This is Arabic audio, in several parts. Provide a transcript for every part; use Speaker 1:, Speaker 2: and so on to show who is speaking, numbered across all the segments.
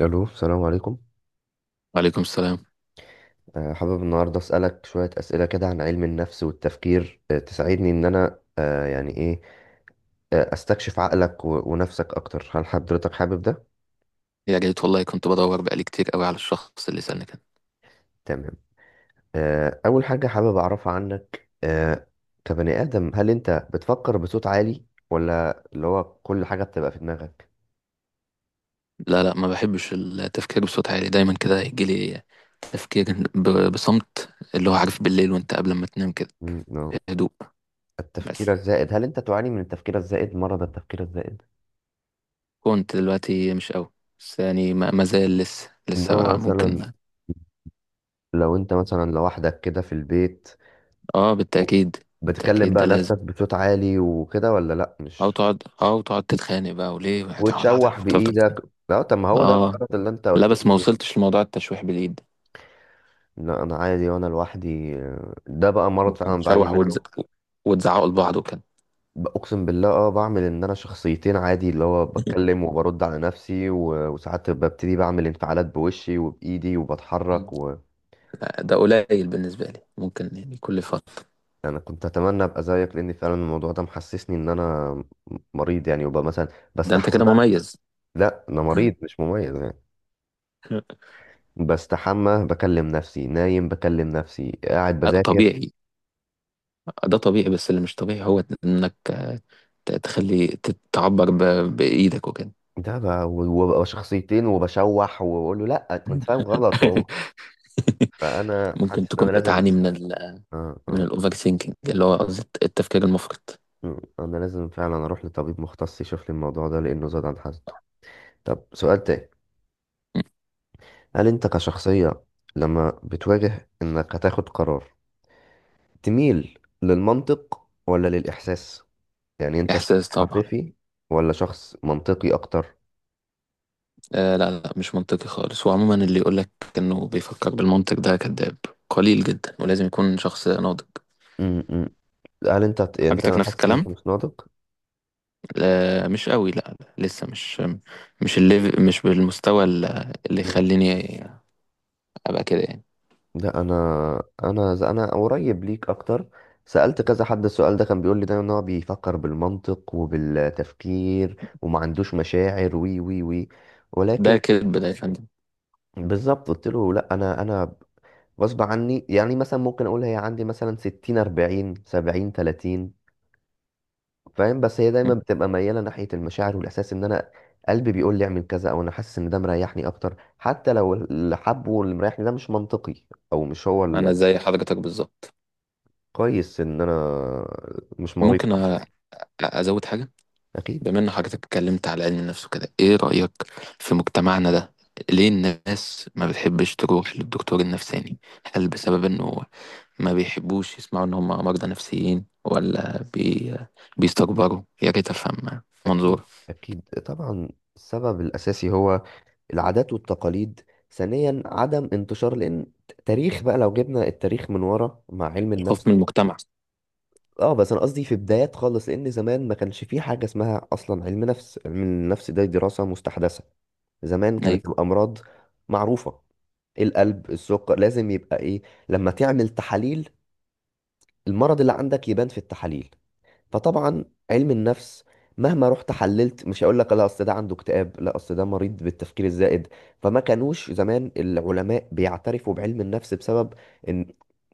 Speaker 1: الو، السلام عليكم.
Speaker 2: وعليكم السلام.
Speaker 1: حابب النهارده اسالك شويه اسئله كده عن علم النفس والتفكير، تساعدني ان انا يعني ايه، استكشف عقلك ونفسك اكتر. هل حضرتك حابب ده؟
Speaker 2: يا ريت والله، كنت بدور بقالي كتير قوي على الشخص اللي سألني كده.
Speaker 1: تمام. اول حاجه حابب اعرفها عنك، كبني ادم، هل انت بتفكر بصوت عالي ولا اللي هو كل حاجه بتبقى في دماغك؟
Speaker 2: لا، لا، ما بحبش التفكير بصوت عالي. دايما كده يجيلي تفكير بصمت، اللي هو عارف بالليل وانت قبل ما تنام كده،
Speaker 1: مم، نعم.
Speaker 2: بهدوء.
Speaker 1: التفكير
Speaker 2: بس
Speaker 1: الزائد، هل انت تعاني من التفكير الزائد، مرض التفكير الزائد؟
Speaker 2: كنت دلوقتي مش قوي. بس يعني ما زال لسه
Speaker 1: انما
Speaker 2: بقى ممكن.
Speaker 1: مثلا لو انت مثلا لوحدك كده في البيت
Speaker 2: اه، بالتأكيد.
Speaker 1: بتكلم
Speaker 2: بالتأكيد
Speaker 1: بقى
Speaker 2: ده لازم.
Speaker 1: نفسك بصوت عالي وكده ولا لا،
Speaker 2: او
Speaker 1: مش
Speaker 2: تقعد او تقعد تتخانق بقى، وليه هتقعد
Speaker 1: وتشوح
Speaker 2: هتقعد تفضل تتخانق.
Speaker 1: بايدك؟ لا طب ما هو ده
Speaker 2: اه.
Speaker 1: المرض اللي انت
Speaker 2: لا،
Speaker 1: قلت
Speaker 2: بس ما
Speaker 1: لي.
Speaker 2: وصلتش لموضوع التشويح باليد ده.
Speaker 1: لا انا عادي وانا لوحدي، ده بقى مرض
Speaker 2: ممكن
Speaker 1: فعلا بعاني
Speaker 2: تشوح
Speaker 1: منه.
Speaker 2: وتزعقوا لبعض وكده.
Speaker 1: اقسم بالله، اه بعمل ان انا شخصيتين عادي، اللي هو بتكلم وبرد على نفسي، وساعات ببتدي بعمل انفعالات بوشي وبايدي وبتحرك و...
Speaker 2: لا، ده قليل بالنسبة لي، ممكن يعني كل فترة.
Speaker 1: انا كنت اتمنى ابقى زيك، لان فعلا الموضوع ده محسسني ان انا مريض يعني، وبقى مثلا
Speaker 2: ده انت
Speaker 1: بستحمى.
Speaker 2: كده مميز.
Speaker 1: لا انا مريض مش مميز يعني. بستحمى بكلم نفسي، نايم بكلم نفسي، قاعد بذاكر.
Speaker 2: طبيعي. ده طبيعي، بس اللي مش طبيعي هو انك تعبر بإيدك وكده.
Speaker 1: ده بقى، وببقى شخصيتين وبشوح وبقول له لا انت فاهم غلط وهو، فانا
Speaker 2: ممكن
Speaker 1: حاسس ان
Speaker 2: تكون
Speaker 1: انا لازم.
Speaker 2: بتعاني
Speaker 1: آه
Speaker 2: من
Speaker 1: آه.
Speaker 2: الأوفر ثينكينج، اللي هو قصدي التفكير المفرط.
Speaker 1: انا لازم فعلا اروح لطبيب مختص يشوف لي الموضوع ده لانه زاد عن حده. طب سؤال تاني،
Speaker 2: م.
Speaker 1: هل انت كشخصية لما بتواجه انك هتاخد قرار تميل للمنطق ولا للاحساس؟ يعني انت شخص
Speaker 2: إحساس طبعا.
Speaker 1: عاطفي ولا شخص منطقي اكتر؟
Speaker 2: آه، لا، لا، مش منطقي خالص، وعموما اللي يقولك إنه بيفكر بالمنطق ده كذاب. قليل جدا، ولازم يكون شخص ناضج.
Speaker 1: مم. مم. هل انت
Speaker 2: حضرتك
Speaker 1: انا
Speaker 2: نفس
Speaker 1: حاسس انك
Speaker 2: الكلام.
Speaker 1: مش ناضج.
Speaker 2: لا، مش قوي، لا. لا، لسه مش، مش الليف مش بالمستوى اللي
Speaker 1: مم.
Speaker 2: يخليني ابقى كده يعني.
Speaker 1: لا انا قريب ليك اكتر. سألت كذا حد السؤال ده، كان بيقول لي دايما ان هو بيفكر بالمنطق وبالتفكير وما عندوش مشاعر وي وي وي، ولكن
Speaker 2: ده كذب ده يا فندم.
Speaker 1: بالظبط قلت له لا انا غصب عني. يعني مثلا ممكن اقول هي عندي مثلا 60 40 70 30 فاهم، بس هي دايما
Speaker 2: مم.
Speaker 1: بتبقى مياله ناحيه المشاعر والاحساس، ان انا قلبي بيقول لي اعمل كذا، او انا حاسس ان ده مريحني اكتر، حتى لو اللي حبه واللي مريحني ده مش منطقي او مش هو.
Speaker 2: انا زي حضرتك بالظبط.
Speaker 1: الكويس ان انا مش مريض في
Speaker 2: ممكن أ-
Speaker 1: حاجه.
Speaker 2: ازود حاجه.
Speaker 1: اكيد
Speaker 2: بما ان حضرتك اتكلمت على علم النفس وكده، ايه رايك في مجتمعنا ده؟ ليه الناس ما بتحبش تروح للدكتور النفساني؟ هل بسبب انه ما بيحبوش يسمعوا ان هم مرضى نفسيين، ولا بيستكبروا؟ يا ريت افهم منظور.
Speaker 1: اكيد اكيد طبعا. السبب الاساسي هو العادات والتقاليد. ثانيا عدم انتشار، لان تاريخ بقى، لو جبنا التاريخ من ورا مع علم
Speaker 2: الخوف من
Speaker 1: النفس،
Speaker 2: المجتمع.
Speaker 1: اه بس انا قصدي في بدايات خالص، لان زمان ما كانش في حاجه اسمها اصلا علم نفس. علم النفس ده دراسه مستحدثه. زمان
Speaker 2: ايوه.
Speaker 1: كانت الامراض معروفه، القلب، السكر لازم يبقى ايه، لما تعمل تحاليل المرض اللي عندك يبان في التحاليل. فطبعا علم النفس مهما رحت حللت مش هقول لك لا اصل ده عنده اكتئاب، لا اصل ده مريض بالتفكير الزائد. فما كانوش زمان العلماء بيعترفوا بعلم النفس، بسبب ان،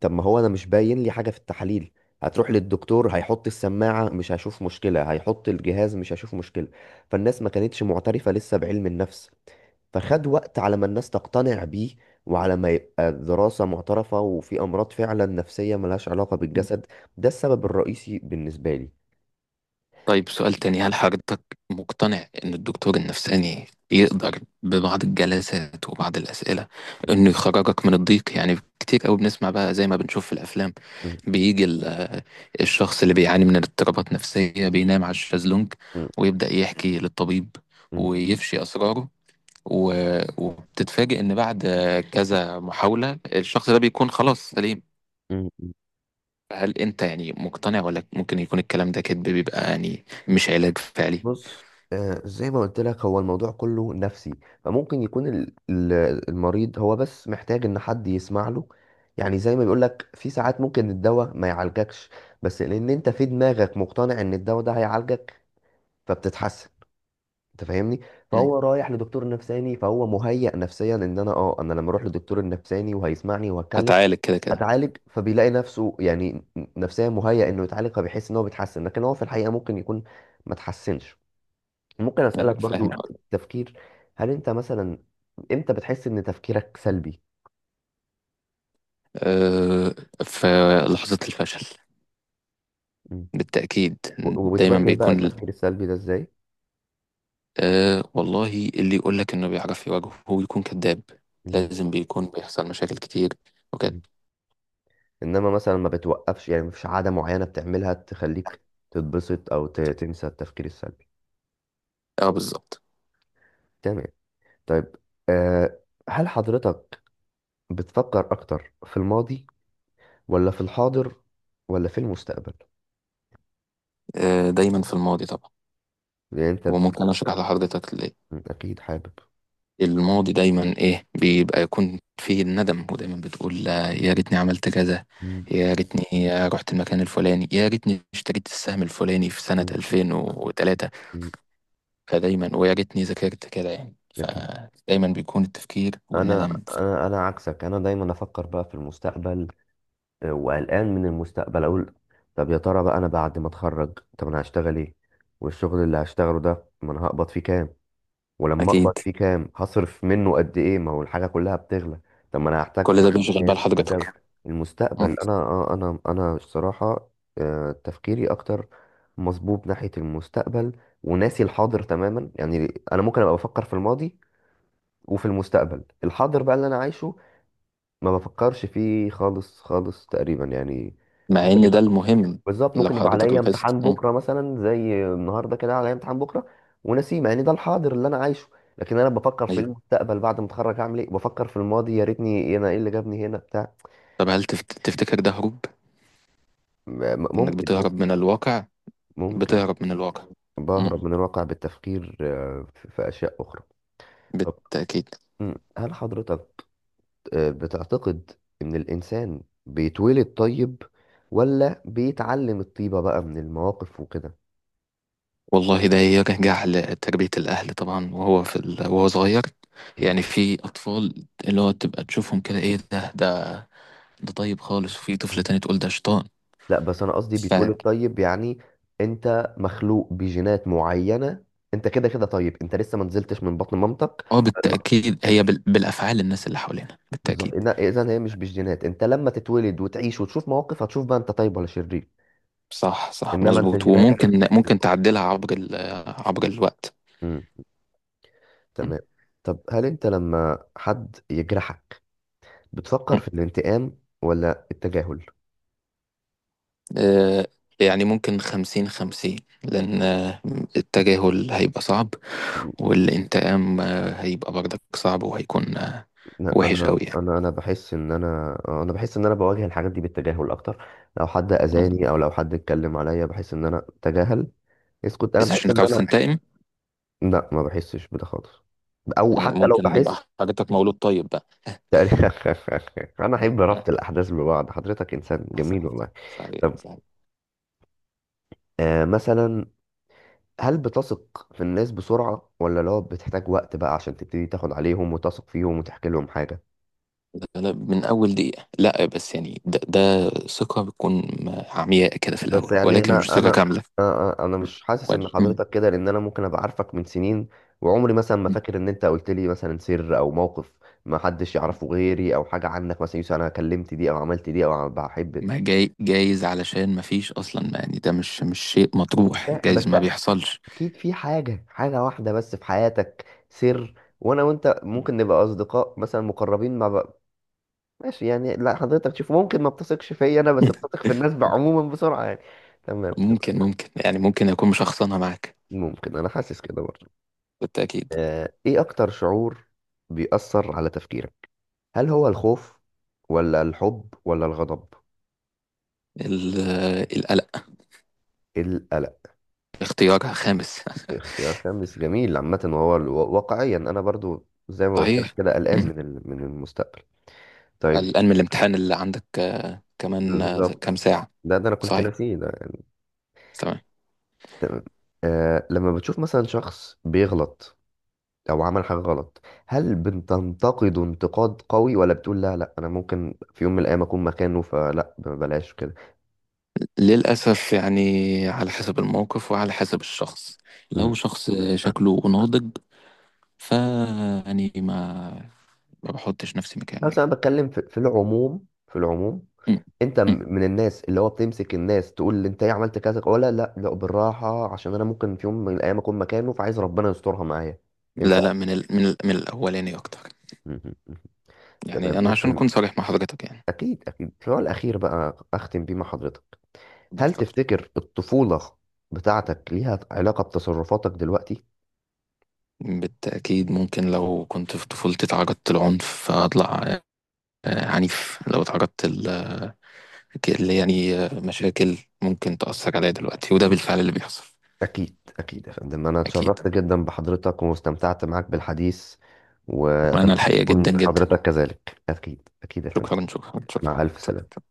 Speaker 1: طب ما هو انا مش باين لي حاجة في التحاليل. هتروح للدكتور، هيحط السماعة مش هشوف مشكلة، هيحط الجهاز مش هشوف مشكلة. فالناس ما كانتش معترفة لسه بعلم النفس، فخد وقت على ما الناس تقتنع بيه، وعلى ما يبقى دراسة معترفة وفي أمراض فعلا نفسية ملهاش علاقة بالجسد. ده السبب الرئيسي بالنسبة لي.
Speaker 2: طيب سؤال تاني، هل حضرتك مقتنع إن الدكتور النفساني يقدر ببعض الجلسات وبعض الأسئلة
Speaker 1: مم.
Speaker 2: إنه يخرجك من الضيق؟ يعني كتير قوي بنسمع بقى، زي ما بنشوف في الأفلام، بيجي الشخص اللي بيعاني من اضطرابات نفسية بينام على الشازلونج،
Speaker 1: مم.
Speaker 2: ويبدأ يحكي للطبيب،
Speaker 1: مم.
Speaker 2: ويفشي أسراره، وبتتفاجئ إن بعد كذا محاولة الشخص ده بيكون خلاص سليم.
Speaker 1: مم.
Speaker 2: هل أنت يعني مقتنع، ولا ممكن يكون الكلام ده كذب بيبقى يعني مش علاج فعلي؟
Speaker 1: بص، آه زي ما قلت لك هو الموضوع كله نفسي. فممكن يكون المريض هو بس محتاج ان حد يسمع له. يعني زي ما بيقول لك، في ساعات ممكن الدواء ما يعالجكش، بس لان انت في دماغك مقتنع ان الدواء ده هيعالجك فبتتحسن. انت فاهمني؟ فهو رايح لدكتور نفساني، فهو مهيأ نفسيا ان انا اه انا لما اروح للدكتور النفساني وهيسمعني وهتكلم
Speaker 2: هتعالج كده كده.
Speaker 1: اتعالج، فبيلاقي نفسه يعني نفسيا مهيأ انه يتعالج، فبيحس ان هو بيتحسن، لكن هو في الحقيقه ممكن يكون ما تحسنش. ممكن اسالك
Speaker 2: ايوه فاهم.
Speaker 1: برضو تفكير، هل انت مثلا امتى بتحس ان تفكيرك سلبي؟
Speaker 2: أه، في لحظة الفشل.
Speaker 1: مم.
Speaker 2: بالتأكيد. دايما
Speaker 1: وبتواجه بقى
Speaker 2: بيكون ال-
Speaker 1: التفكير السلبي ده ازاي؟
Speaker 2: أه والله اللي يقول لك انه بيعرف يواجهه هو يكون كذاب.
Speaker 1: مم.
Speaker 2: لازم بيكون بيحصل مشاكل كتير وكده.
Speaker 1: مم. انما مثلا ما بتوقفش يعني، مفيش عاده معينه بتعملها تخليك تتبسط او تنسى التفكير السلبي؟
Speaker 2: اه بالظبط.
Speaker 1: تمام. طيب، أه، هل حضرتك بتفكر اكتر في الماضي ولا في الحاضر ولا في المستقبل؟
Speaker 2: أه، دايما في الماضي طبعا.
Speaker 1: يعني انت،
Speaker 2: وممكن اشرح لحضرتك ليه.
Speaker 1: اكيد حابب.
Speaker 2: الماضي دايما ايه، بيبقى يكون فيه الندم، ودايما بتقول يا ريتني عملت كذا،
Speaker 1: مم.
Speaker 2: يا ريتني رحت المكان الفلاني، يا ريتني اشتريت السهم الفلاني في سنة
Speaker 1: مم.
Speaker 2: 2003،
Speaker 1: مم.
Speaker 2: فدايما ويا ريتني ذاكرت كده يعني،
Speaker 1: اكيد.
Speaker 2: فدايما بيكون التفكير
Speaker 1: انا
Speaker 2: والندم.
Speaker 1: انا انا عكسك، انا دايما افكر بقى في المستقبل، وقلقان من المستقبل اقول طب يا ترى بقى انا بعد ما اتخرج طب انا هشتغل ايه، والشغل اللي هشتغله ده ما انا هقبض فيه كام، ولما اقبض
Speaker 2: أكيد.
Speaker 1: فيه كام هصرف منه قد ايه، ما هو الحاجه كلها بتغلى. طب ما انا هحتاج
Speaker 2: كل
Speaker 1: في
Speaker 2: ده
Speaker 1: يوم من
Speaker 2: بيشغل بال
Speaker 1: الايام اجل
Speaker 2: حضرتك.
Speaker 1: المستقبل.
Speaker 2: مم.
Speaker 1: انا الصراحه، تفكيري اكتر مصبوب ناحيه المستقبل وناسي الحاضر تماما. يعني انا ممكن ابقى بفكر في الماضي وفي المستقبل، الحاضر بقى اللي انا عايشه ما بفكرش فيه خالص خالص تقريبا يعني.
Speaker 2: مع
Speaker 1: ممكن
Speaker 2: إن ده
Speaker 1: يبقى،
Speaker 2: المهم.
Speaker 1: بالظبط
Speaker 2: لو
Speaker 1: ممكن يبقى
Speaker 2: حضرتك
Speaker 1: عليا
Speaker 2: لاحظت.
Speaker 1: امتحان
Speaker 2: مم.
Speaker 1: بكره مثلا، زي النهارده كده عليا امتحان بكره ونسيم، يعني ده الحاضر اللي انا عايشه. لكن انا بفكر في
Speaker 2: أيوه.
Speaker 1: المستقبل بعد ما اتخرج هعمل ايه، بفكر في الماضي يا ريتني، انا ايه اللي جابني هنا بتاع.
Speaker 2: طب هل تفتكر ده هروب؟
Speaker 1: م- م-
Speaker 2: إنك
Speaker 1: ممكن ممكن
Speaker 2: بتهرب من الواقع؟
Speaker 1: ممكن.
Speaker 2: بتهرب من الواقع. مم.
Speaker 1: بهرب من الواقع بالتفكير، في في اشياء اخرى. طب،
Speaker 2: بالتأكيد.
Speaker 1: مم، هل حضرتك بتعتقد إن الإنسان بيتولد طيب، ولا بيتعلم الطيبة بقى من المواقف وكده؟
Speaker 2: والله ده يرجع لتربية الأهل طبعا، وهو صغير.
Speaker 1: م-
Speaker 2: يعني في أطفال، اللي هو تبقى تشوفهم كده، إيه ده، ده طيب خالص، وفي طفل
Speaker 1: م.
Speaker 2: تاني تقول ده
Speaker 1: لا بس أنا قصدي بيتولد
Speaker 2: شيطان.
Speaker 1: طيب يعني، أنت مخلوق بجينات معينة، أنت كده كده طيب، أنت لسه ما نزلتش من بطن مامتك.
Speaker 2: اه
Speaker 1: ما-
Speaker 2: بالتأكيد، هي بالأفعال، الناس اللي حوالينا،
Speaker 1: بالظبط،
Speaker 2: بالتأكيد.
Speaker 1: إذا هي مش بالجينات. أنت لما تتولد وتعيش وتشوف مواقف هتشوف بقى أنت طيب ولا شرير.
Speaker 2: صح، صح،
Speaker 1: إنما أنت
Speaker 2: مظبوط.
Speaker 1: جيناتك.
Speaker 2: وممكن تعدلها عبر الوقت.
Speaker 1: مم.
Speaker 2: م-
Speaker 1: تمام. طب هل أنت لما حد يجرحك
Speaker 2: م.
Speaker 1: بتفكر في الانتقام ولا التجاهل؟
Speaker 2: آه، يعني ممكن خمسين خمسين، لأن التجاهل هيبقى صعب، والانتقام هيبقى برضك صعب، وهيكون
Speaker 1: لا،
Speaker 2: وحش
Speaker 1: انا
Speaker 2: قوي يعني.
Speaker 1: انا انا بحس ان انا، انا بحس ان انا بواجه الحاجات دي بالتجاهل اكتر. لو حد
Speaker 2: م.
Speaker 1: اذاني او لو حد اتكلم عليا بحس ان انا تجاهل، اسكت، انا
Speaker 2: بس
Speaker 1: بحس
Speaker 2: عشان
Speaker 1: ان
Speaker 2: انك عاوز
Speaker 1: انا.
Speaker 2: تنتقم.
Speaker 1: لا ما بحسش بده خالص، او
Speaker 2: م،
Speaker 1: حتى لو
Speaker 2: ممكن
Speaker 1: بحس.
Speaker 2: يبقى حاجتك مولود طيب بقى.
Speaker 1: تقريبا. انا احب ربط الاحداث ببعض، حضرتك انسان جميل
Speaker 2: صحيح.
Speaker 1: والله.
Speaker 2: صحيح،
Speaker 1: طب،
Speaker 2: صحيح،
Speaker 1: آه مثلا، هل بتثق في الناس بسرعة، ولا لو بتحتاج وقت بقى عشان تبتدي تاخد عليهم وتثق فيهم وتحكي لهم حاجة؟
Speaker 2: لا، لا، من أول دقيقة. لا، بس يعني ده ثقة بتكون عمياء كده في
Speaker 1: بس
Speaker 2: الأول،
Speaker 1: يعني
Speaker 2: ولكن
Speaker 1: انا
Speaker 2: مش ثقة
Speaker 1: انا
Speaker 2: كاملة.
Speaker 1: آه، آه، انا مش حاسس ان
Speaker 2: مم.
Speaker 1: حضرتك كده، لان انا ممكن ابقى عارفك من سنين، وعمري مثلا ما
Speaker 2: مم.
Speaker 1: فاكر ان انت قلت لي مثلا سر او موقف ما حدش يعرفه غيري، او حاجه عنك، مثلا يوسف انا كلمت دي او عملت دي او بحب.
Speaker 2: ما جاي جايز علشان ما فيش أصلا، ما يعني ده مش شيء
Speaker 1: أنا
Speaker 2: مطروح،
Speaker 1: فاهم، بس
Speaker 2: جايز ما بيحصلش.
Speaker 1: اكيد في حاجه واحده بس في حياتك، سر، وانا وانت ممكن نبقى اصدقاء مثلا مقربين مع بقى. ماشي يعني، لا حضرتك شوف، ممكن ما بتثقش فيا انا، بس بتثق في الناس عموما بسرعه يعني. تمام تمام.
Speaker 2: ممكن يعني، ممكن أكون مشخصنها معاك.
Speaker 1: ممكن، انا حاسس كده برضه.
Speaker 2: بالتأكيد.
Speaker 1: ايه اكتر شعور بيأثر على تفكيرك، هل هو الخوف ولا الحب ولا الغضب؟
Speaker 2: ال- القلق.
Speaker 1: القلق.
Speaker 2: اختيار خامس.
Speaker 1: اختيار خامس جميل عامة، وهو ال-، واقعيا انا برضو زي ما قلت لك
Speaker 2: صحيح.
Speaker 1: كده قلقان
Speaker 2: مم.
Speaker 1: من ال- من المستقبل. طيب،
Speaker 2: الآن من الامتحان اللي عندك كمان كام
Speaker 1: بالظبط،
Speaker 2: ساعة؟
Speaker 1: ده ده انا كنت
Speaker 2: صحيح.
Speaker 1: ناسيه ده.
Speaker 2: تمام.
Speaker 1: تمام. آه لما بتشوف مثلا شخص بيغلط او عمل حاجة غلط، هل بتنتقده انتقاد قوي، ولا بتقول لا لا انا ممكن في يوم من الايام اكون مكانه فلا بلاش
Speaker 2: للأسف يعني، على حسب الموقف وعلى حسب الشخص.
Speaker 1: كده؟
Speaker 2: لو شخص شكله ناضج، فأني ما بحطش نفسي مكانه
Speaker 1: بس
Speaker 2: يعني.
Speaker 1: انا بتكلم في، في العموم، في العموم.
Speaker 2: م.
Speaker 1: انت
Speaker 2: م.
Speaker 1: من الناس اللي هو بتمسك الناس تقول لي انت ايه عملت كذا، ولا لا لا بالراحه عشان انا ممكن في يوم من الايام اكون مكانه فعايز ربنا يسترها معايا؟ انت،
Speaker 2: لا، لا، من الأولاني أكتر.
Speaker 1: مهم. تمام
Speaker 2: يعني أنا عشان
Speaker 1: ممكن.
Speaker 2: أكون صريح مع حضرتك يعني.
Speaker 1: اكيد اكيد، السؤال الاخير بقى اختم بيه مع حضرتك،
Speaker 2: اتفضل،
Speaker 1: هل
Speaker 2: اتفضل.
Speaker 1: تفتكر الطفوله بتاعتك ليها علاقه بتصرفاتك دلوقتي؟
Speaker 2: بالتأكيد. ممكن لو كنت في طفولتي اتعرضت لعنف، فأطلع عنيف. لو اتعرضت اللي يعني مشاكل، ممكن تأثر عليا دلوقتي، وده بالفعل اللي بيحصل.
Speaker 1: اكيد اكيد يا فندم، انا
Speaker 2: أكيد.
Speaker 1: اتشرفت جدا بحضرتك واستمتعت معاك بالحديث، واتمنى
Speaker 2: وأنا الحقيقة جدا
Speaker 1: تكون
Speaker 2: جدا.
Speaker 1: حضرتك كذلك. اكيد اكيد يا فندم،
Speaker 2: شكرا، شكرا، شكرا،
Speaker 1: مع ألف
Speaker 2: شكرا،
Speaker 1: سلامة.
Speaker 2: شكرا.